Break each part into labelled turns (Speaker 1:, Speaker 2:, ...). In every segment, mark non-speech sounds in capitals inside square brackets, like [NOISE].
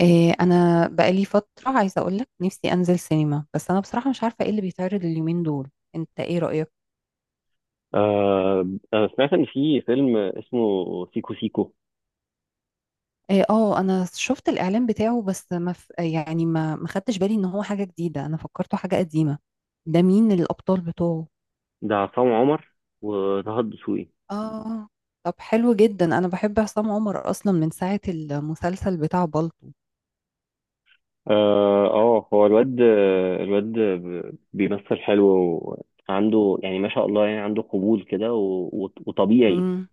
Speaker 1: إيه، انا بقالي فتره عايزه اقول لك نفسي انزل سينما. بس انا بصراحه مش عارفه ايه اللي بيتعرض اليومين دول. انت ايه رايك؟
Speaker 2: آه، أنا سمعت إن في فيلم اسمه سيكو سيكو.
Speaker 1: إيه، انا شفت الاعلان بتاعه. بس ما ف... يعني ما ما خدتش بالي ان هو حاجه جديده، انا فكرته حاجه قديمه. ده مين الابطال بتوعه؟
Speaker 2: ده عصام عمر وطه الدسوقي.
Speaker 1: اه. طب حلو جدا، انا بحب عصام عمر اصلا من ساعه المسلسل بتاع بالطو.
Speaker 2: آه آه، هو الواد بيمثل حلو، وعنده يعني ما شاء الله يعني عنده قبول كده وطبيعي.
Speaker 1: امم.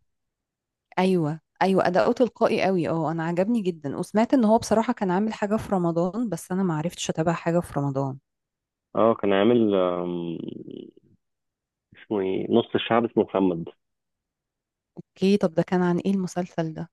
Speaker 1: ايوه ايوه، اداؤه تلقائي قوي. اه انا عجبني جدا. وسمعت ان هو بصراحه كان عامل حاجه في رمضان، بس انا ما عرفتش اتابع حاجه في رمضان.
Speaker 2: اه كان عامل اسمه ايه؟ نص الشعب اسمه محمد.
Speaker 1: اوكي، طب ده كان عن ايه المسلسل ده؟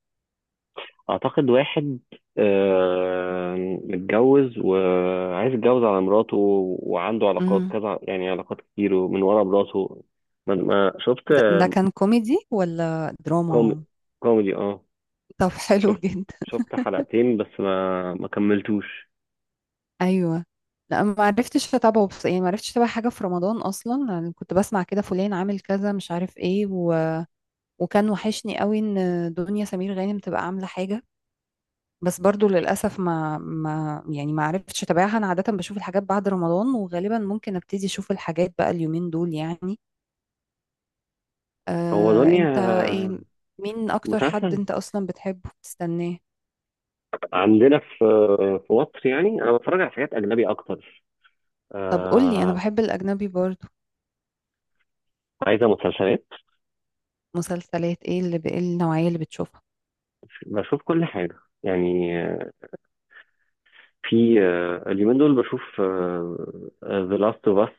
Speaker 2: اعتقد واحد آه، متجوز وعايز يتجوز على مراته، وعنده علاقات
Speaker 1: امم.
Speaker 2: كذا يعني علاقات كتير ومن ورا مراته. شفت؟
Speaker 1: ده كان كوميدي ولا
Speaker 2: كوميدي،
Speaker 1: دراما؟
Speaker 2: كوميدي اه.
Speaker 1: طب [LAUGHS] حلو
Speaker 2: شفت
Speaker 1: جدا.
Speaker 2: حلقتين بس ما كملتوش.
Speaker 1: ايوه. لا ما عرفتش اتابعه، بس يعني ما عرفتش اتابع حاجه في رمضان اصلا. يعني كنت بسمع كده فلان عامل كذا مش عارف ايه وكان وحشني قوي ان دنيا سمير غانم تبقى عامله حاجه. بس برضو للاسف ما ما يعني ما عرفتش اتابعها. انا عاده بشوف الحاجات بعد رمضان، وغالبا ممكن ابتدي اشوف الحاجات بقى اليومين دول يعني.
Speaker 2: هو دنيا
Speaker 1: انت ايه، مين اكتر حد
Speaker 2: مسلسل.
Speaker 1: انت اصلا بتحبه بتستناه؟
Speaker 2: عندنا في مصر يعني انا بتفرج على حاجات اجنبي اكتر.
Speaker 1: طب قولي، انا
Speaker 2: آه،
Speaker 1: بحب الاجنبي برضو.
Speaker 2: عايزه مسلسلات.
Speaker 1: مسلسلات ايه إيه النوعيه اللي بتشوفها؟
Speaker 2: بشوف كل حاجه، يعني في اليومين دول بشوف ذا لاست اوف اس،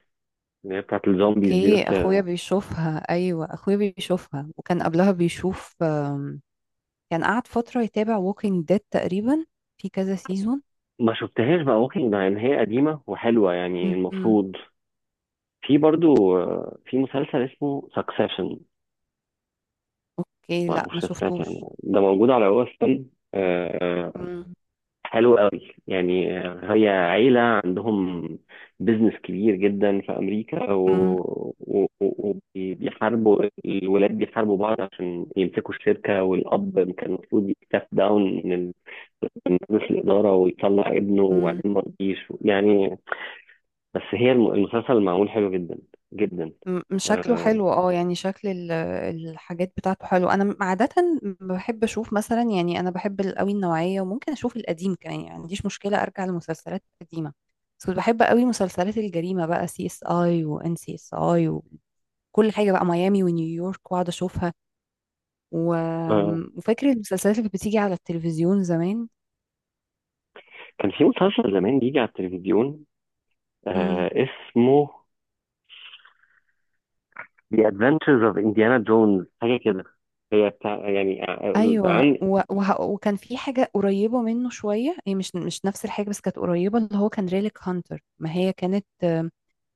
Speaker 2: اللي هي بتاعت الزومبيز دي.
Speaker 1: اوكي،
Speaker 2: بس
Speaker 1: اخويا
Speaker 2: آه،
Speaker 1: بيشوفها. ايوه اخويا بيشوفها، وكان قبلها بيشوف، كان قعد فتره يتابع ووكينج ديد تقريبا في كذا سيزون.
Speaker 2: ما شفتهاش بقى، ممكن مع ان هي قديمه وحلوه يعني المفروض. في برضو في مسلسل اسمه سكسيشن.
Speaker 1: اوكي،
Speaker 2: لا
Speaker 1: لا ما
Speaker 2: مش هستاك، يعني
Speaker 1: شفتوش.
Speaker 2: ده موجود على هو ستون.
Speaker 1: مم،
Speaker 2: حلو قوي يعني. هي عيلة عندهم بيزنس كبير جدا في أمريكا،
Speaker 1: مم،
Speaker 2: وبيحاربوا الولاد، بيحاربوا بعض عشان يمسكوا الشركة. والأب كان المفروض يستاف داون من من مجلس الإدارة ويطلع ابنه،
Speaker 1: مم.
Speaker 2: وبعدين ما رضيش يعني. بس هي المسلسل معمول حلو جدا جدا.
Speaker 1: شكله
Speaker 2: آه
Speaker 1: حلو. اه يعني شكل الحاجات بتاعته حلو. انا عادة بحب اشوف مثلا، يعني انا بحب قوي النوعية، وممكن اشوف القديم كمان. يعني ما عنديش مشكلة ارجع لمسلسلات قديمة. بس كنت بحب قوي مسلسلات الجريمة بقى، CSI وان CSI، وكل حاجة بقى، ميامي ونيويورك، واقعد اشوفها و...
Speaker 2: آه،
Speaker 1: وفاكر المسلسلات اللي كانت بتيجي على التلفزيون زمان.
Speaker 2: كان في مسلسل زمان بيجي على التلفزيون،
Speaker 1: امم.
Speaker 2: آه اسمه The Adventures of Indiana Jones حاجة كده. هي بتاع يعني،
Speaker 1: ايوه
Speaker 2: عن
Speaker 1: وكان في حاجه قريبه منه شويه، هي مش نفس الحاجه بس كانت قريبه، اللي هو كان ريليك هانتر. ما هي كانت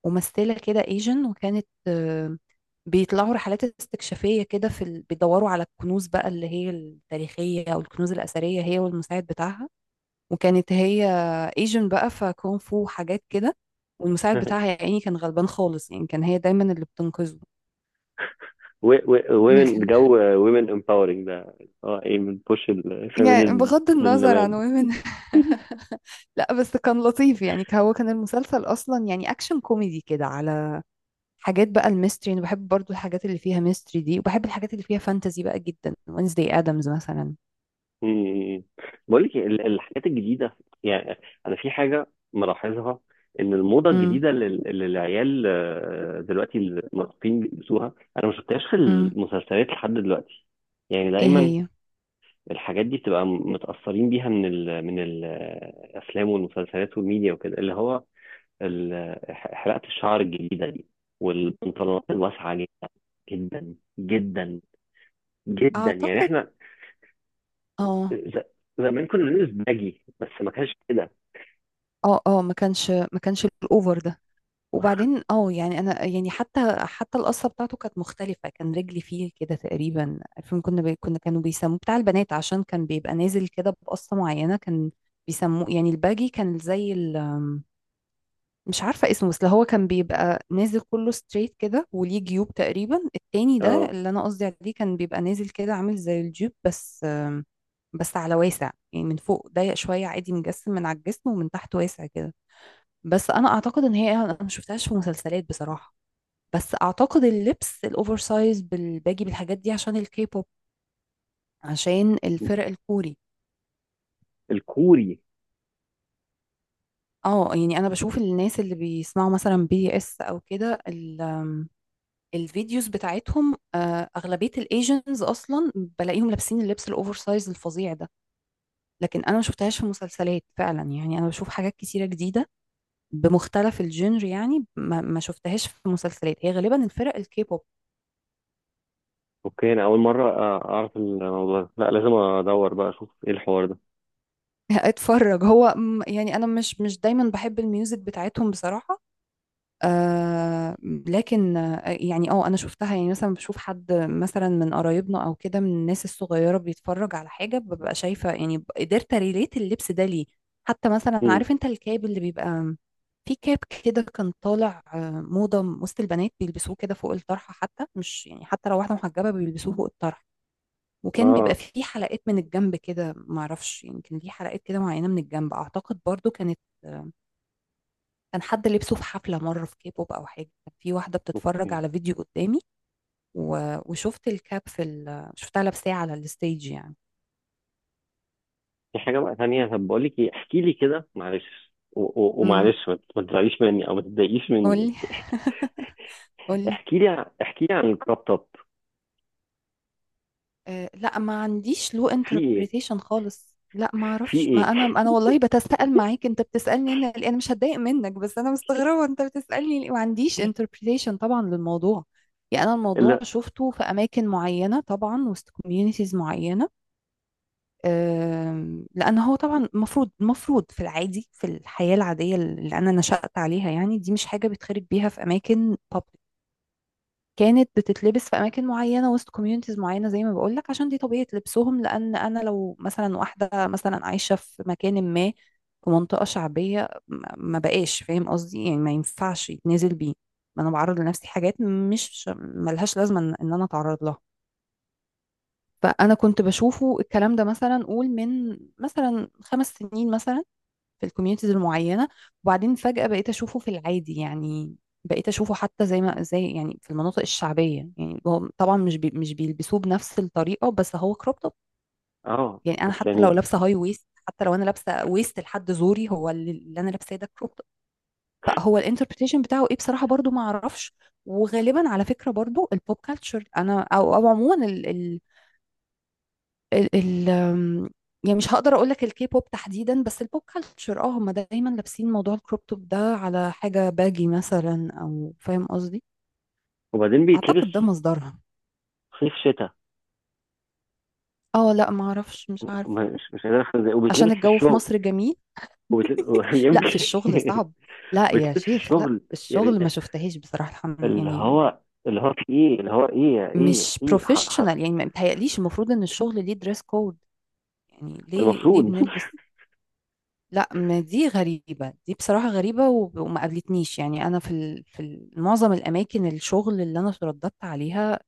Speaker 1: ممثلة كده ايجن، وكانت بيطلعوا رحلات استكشافية كده بيدوروا على الكنوز بقى اللي هي التاريخية او الكنوز الأثرية، هي والمساعد بتاعها. وكانت هي ايجن بقى، فكونغ فو حاجات كده. والمساعد بتاعها
Speaker 2: [LAUGHS]
Speaker 1: يا عيني كان غلبان خالص، يعني كان هي دايما اللي بتنقذه. [LAUGHS]
Speaker 2: ومن
Speaker 1: لكن-
Speaker 2: جو، ومن empowering ده. اه، ايه بتبوش
Speaker 1: يعني
Speaker 2: الفيمينيزم
Speaker 1: بغض
Speaker 2: من
Speaker 1: النظر عن
Speaker 2: زمان؟
Speaker 1: ومن [LAUGHS]
Speaker 2: [LAUGHS]
Speaker 1: لا بس كان لطيف يعني، هو كان المسلسل اصلا يعني اكشن كوميدي كده على حاجات بقى الميستري. انا بحب برضو الحاجات اللي فيها ميستري دي، وبحب الحاجات اللي فيها فانتزي بقى جدا، وينزداي ادمز مثلا.
Speaker 2: مم. بقول لك الحاجات الجديدة، يعني أنا في حاجة ملاحظها، إن الموضة
Speaker 1: امم.
Speaker 2: الجديدة اللي العيال دلوقتي المراهقين بيلبسوها أنا ما شفتهاش في
Speaker 1: امم.
Speaker 2: المسلسلات لحد دلوقتي. يعني
Speaker 1: ايه
Speaker 2: دايما
Speaker 1: هي؟
Speaker 2: الحاجات دي بتبقى متأثرين بيها من من الأفلام والمسلسلات والميديا وكده، اللي هو حلقة الشعر الجديدة دي، والبنطلونات الواسعة جدا جدا جدا جدا يعني.
Speaker 1: اعتقد.
Speaker 2: احنا
Speaker 1: اه.
Speaker 2: ز- زمان كنا بنلبس باجي بس ما كانش كده.
Speaker 1: اه ما كانش، ما كانش الاوفر ده. وبعدين اه يعني انا يعني حتى القصه بتاعته كانت مختلفه. كان رجلي فيه كده تقريبا الفيلم، كانوا بيسموه بتاع البنات عشان كان بيبقى نازل كده بقصه معينه. كان بيسموه يعني الباجي، كان زي ال مش عارفة اسمه، بس اللي هو كان بيبقى نازل كله ستريت كده وليه جيوب تقريبا. التاني ده
Speaker 2: اه،
Speaker 1: اللي أنا قصدي عليه كان بيبقى نازل كده عامل زي الجيوب، بس بس على واسع يعني، من فوق ضيق شوية عادي مجسم من على الجسم، ومن تحت واسع كده. بس أنا أعتقد إن هي أنا ما شفتهاش في مسلسلات بصراحة. بس أعتقد اللبس الأوفر سايز بالباجي بالحاجات دي عشان الكيبوب، عشان الفرق الكوري.
Speaker 2: الكوري.
Speaker 1: اه يعني أنا بشوف الناس اللي بيسمعوا مثلا بي اس أو كده، الفيديوز بتاعتهم، اغلبيه الايجنز اصلا. بلاقيهم لابسين اللبس الاوفر سايز الفظيع ده. لكن انا ما شفتهاش في مسلسلات فعلا. يعني انا بشوف حاجات كتيره جديده بمختلف الجنر، يعني ما, ما شفتهاش في مسلسلات. هي غالبا الفرق الكيبوب.
Speaker 2: اوكي انا اول مرة اعرف الموضوع ده، لا لازم ادور بقى اشوف ايه الحوار ده.
Speaker 1: [LAUGHS] اتفرج. هو يعني انا مش دايما بحب الميوزك بتاعتهم بصراحه. آه لكن، يعني انا شفتها. يعني مثلا بشوف حد مثلا من قرايبنا او كده من الناس الصغيره بيتفرج على حاجه، ببقى شايفه. يعني قدرت ريليت اللبس ده ليه. حتى مثلا
Speaker 2: مم.
Speaker 1: عارف انت الكاب اللي بيبقى، في كاب كده كان طالع، موضه وسط البنات بيلبسوه كده فوق الطرحه، حتى مش يعني حتى لو واحده محجبه بيلبسوه فوق الطرحه. وكان
Speaker 2: اه.
Speaker 1: بيبقى فيه حلقات من الجنب كده، معرفش يمكن ليه حلقات كده معينه من الجنب. اعتقد برضو كانت، آه، كان حد لبسه في حفلة مرة في كيبوب أو حاجة. كان في واحدة بتتفرج
Speaker 2: اوكي،
Speaker 1: على فيديو قدامي و... وشفت الكاب شفتها لابساه على الستيج يعني.
Speaker 2: في حاجة بقى تانية. طب بقول لك ايه، احكي لي كده معلش
Speaker 1: امم.
Speaker 2: ومعلش ما تزعليش مني او ما تتضايقيش مني،
Speaker 1: قولي.
Speaker 2: بس
Speaker 1: [LAUGHS] قولي.
Speaker 2: احكي لي احكي لي عن الكراب توب.
Speaker 1: أه لا، ما عنديش له
Speaker 2: في ايه؟
Speaker 1: انتربريتيشن خالص. لا ما
Speaker 2: في
Speaker 1: اعرفش،
Speaker 2: ايه
Speaker 1: ما انا والله بتساءل معاك. انت بتسالني انا ليه؟ انا مش هتضايق منك، بس انا مستغربه انت بتسالني ليه؟ ما عنديش انتربريتيشن طبعا للموضوع. يعني انا الموضوع
Speaker 2: لا
Speaker 1: شفته في اماكن معينه طبعا، وسط كوميونيتيز معينه. لان هو طبعا المفروض في العادي في الحياه العاديه اللي انا نشأت عليها، يعني دي مش حاجه بيتخرج بيها في اماكن public. كانت بتتلبس في اماكن معينه وسط كوميونيتيز معينه زي ما بقول لك، عشان دي طبيعه لبسهم. لان انا لو مثلا واحده مثلا عايشه في مكان ما، في منطقه شعبيه، ما ما بقاش فاهم قصدي. يعني ما ينفعش يتنازل بيه. ما انا بعرض لنفسي حاجات مش ملهاش لازمه إن انا اتعرض لها. فانا كنت بشوفه الكلام ده مثلا قول من مثلا 5 سنين مثلا، في الكوميونيتيز المعينه. وبعدين فجاه بقيت اشوفه في العادي يعني. بقيت اشوفه حتى زي ما زي يعني في المناطق الشعبيه. يعني هو طبعا مش بيلبسوه بنفس الطريقه، بس هو كروب توب.
Speaker 2: اه
Speaker 1: يعني انا
Speaker 2: بس
Speaker 1: حتى لو
Speaker 2: يعني.
Speaker 1: لابسه هاي ويست، حتى لو انا لابسه ويست لحد زوري، هو اللي انا لابساه ده كروب توب. فهو الانتربريتيشن بتاعه ايه بصراحه برضو ما اعرفش. وغالبا على فكره برضو البوب كالتشر، انا او عموما، ال ال يعني مش هقدر اقول لك الكي بوب تحديدا، بس البوب كلتشر هم دايما لابسين موضوع الكروب توب ده على حاجه باجي مثلا، او فاهم قصدي.
Speaker 2: وبعدين
Speaker 1: اعتقد ده
Speaker 2: بيتلبس
Speaker 1: مصدرها.
Speaker 2: صيف شتاء.
Speaker 1: اه لا ما اعرفش، مش عارف.
Speaker 2: مش قادر افهم ازاي، وبيتلبس
Speaker 1: عشان
Speaker 2: في
Speaker 1: الجو في
Speaker 2: الشغل،
Speaker 1: مصر جميل.
Speaker 2: وبيتلبس [LAUGHS]
Speaker 1: لا في الشغل
Speaker 2: يمكن،
Speaker 1: صعب. لا يا
Speaker 2: بيتلبس في
Speaker 1: شيخ، لا
Speaker 2: الشغل،
Speaker 1: في الشغل ما
Speaker 2: يعني
Speaker 1: شفتهاش بصراحه، الحمد
Speaker 2: اللي
Speaker 1: يعني.
Speaker 2: هو اللي هو في ايه، اللي هو ايه ايه
Speaker 1: مش
Speaker 2: ايه ح... ح...
Speaker 1: بروفيشنال يعني، ما متهيأليش المفروض ان الشغل ليه دريس كود. يعني ليه
Speaker 2: المفروض [LAUGHS]
Speaker 1: بنلبس. لا ما دي غريبة، دي بصراحة غريبة. وما قابلتنيش يعني أنا معظم الأماكن الشغل اللي أنا اترددت عليها.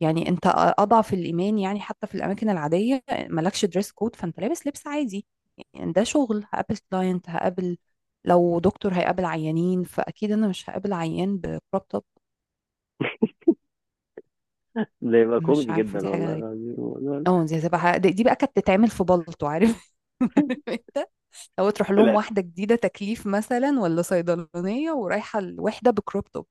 Speaker 1: يعني أنت أضعف الإيمان يعني، حتى في الأماكن العادية مالكش دريس كود فأنت لابس لبس عادي. يعني ده شغل هقابل كلاينت، هقابل لو دكتور هيقابل عيانين، فأكيد أنا مش هقابل عيان بكروب توب.
Speaker 2: ده يبقى
Speaker 1: مش
Speaker 2: كوميدي
Speaker 1: عارفة دي
Speaker 2: جدا
Speaker 1: حاجة
Speaker 2: والله
Speaker 1: غريبة.
Speaker 2: العظيم.
Speaker 1: اه دي هتبقى دي بقى كانت تتعمل في بلطو عارف. [LAUGHS] انت لو تروح لهم
Speaker 2: لا
Speaker 1: واحدة جديدة تكليف مثلا ولا صيدلانية ورايحة الوحدة بكروب توب،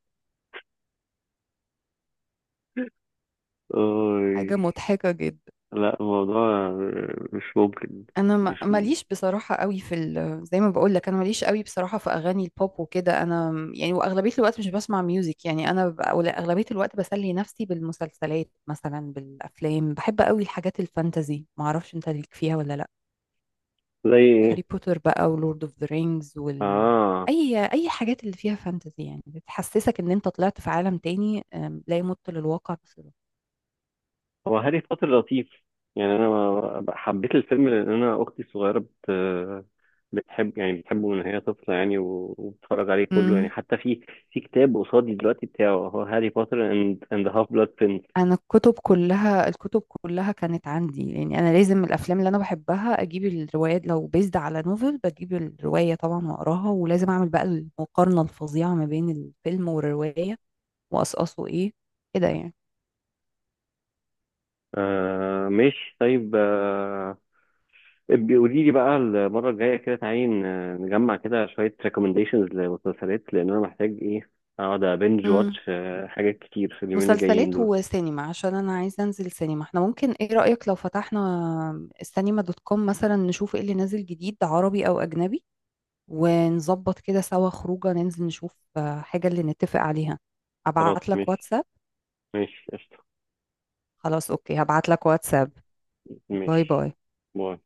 Speaker 2: أوي.
Speaker 1: حاجة مضحكة جدا.
Speaker 2: لا الموضوع مش ممكن.
Speaker 1: انا
Speaker 2: مش م-
Speaker 1: ماليش بصراحة قوي في ال... زي ما بقول لك انا ماليش قوي بصراحة في اغاني البوب وكده. انا يعني واغلبية الوقت مش بسمع ميوزك. يعني انا أو لا، اغلبية الوقت بسلي نفسي بالمسلسلات مثلا، بالافلام. بحب قوي الحاجات الفانتازي، ما اعرفش انت ليك فيها ولا لا.
Speaker 2: زي ايه؟
Speaker 1: هاري بوتر بقى، ولورد اوف ذا رينجز، وال
Speaker 2: اه،
Speaker 1: اي اي حاجات اللي فيها فانتازي، يعني بتحسسك ان انت طلعت في عالم تاني، لا يمت للواقع.
Speaker 2: هو هاري بوتر لطيف يعني، انا حبيت الفيلم لان انا اختي الصغيره بتحب، يعني بتحبه من هي طفله يعني، وبتتفرج عليه كله يعني،
Speaker 1: بصراحة
Speaker 2: حتى في في كتاب قصادي دلوقتي بتاعه هو هاري بوتر اند هاف بلاد برنس.
Speaker 1: انا الكتب كلها، الكتب كلها كانت عندي. يعني انا لازم الافلام اللي انا بحبها اجيب الروايات، لو بيزد على نوفل بجيب الروايه طبعا واقراها، ولازم اعمل بقى المقارنه الفظيعه ما بين الفيلم والروايه واقصاصه ايه كده يعني.
Speaker 2: آه ماشي، طيب آه، بيقولي لي بقى المرة الجاية كده تعالي نجمع كده شوية recommendations لمسلسلات، لأن أنا محتاج إيه، أقعد أبنج واتش
Speaker 1: امم.
Speaker 2: حاجات كتير في اليومين الجايين
Speaker 1: مسلسلات
Speaker 2: دول.
Speaker 1: وسينما عشان انا عايزه انزل سينما. احنا ممكن ايه رايك لو فتحنا elcinema.com مثلا، نشوف ايه اللي نازل جديد عربي او اجنبي، ونظبط كده سوا خروجه ننزل نشوف، حاجه اللي نتفق عليها.
Speaker 2: خلاص
Speaker 1: ابعت لك
Speaker 2: ماشي،
Speaker 1: واتساب.
Speaker 2: ماشي قشطة،
Speaker 1: خلاص اوكي، هبعت لك واتساب. باي
Speaker 2: ماشي،
Speaker 1: باي.
Speaker 2: باي.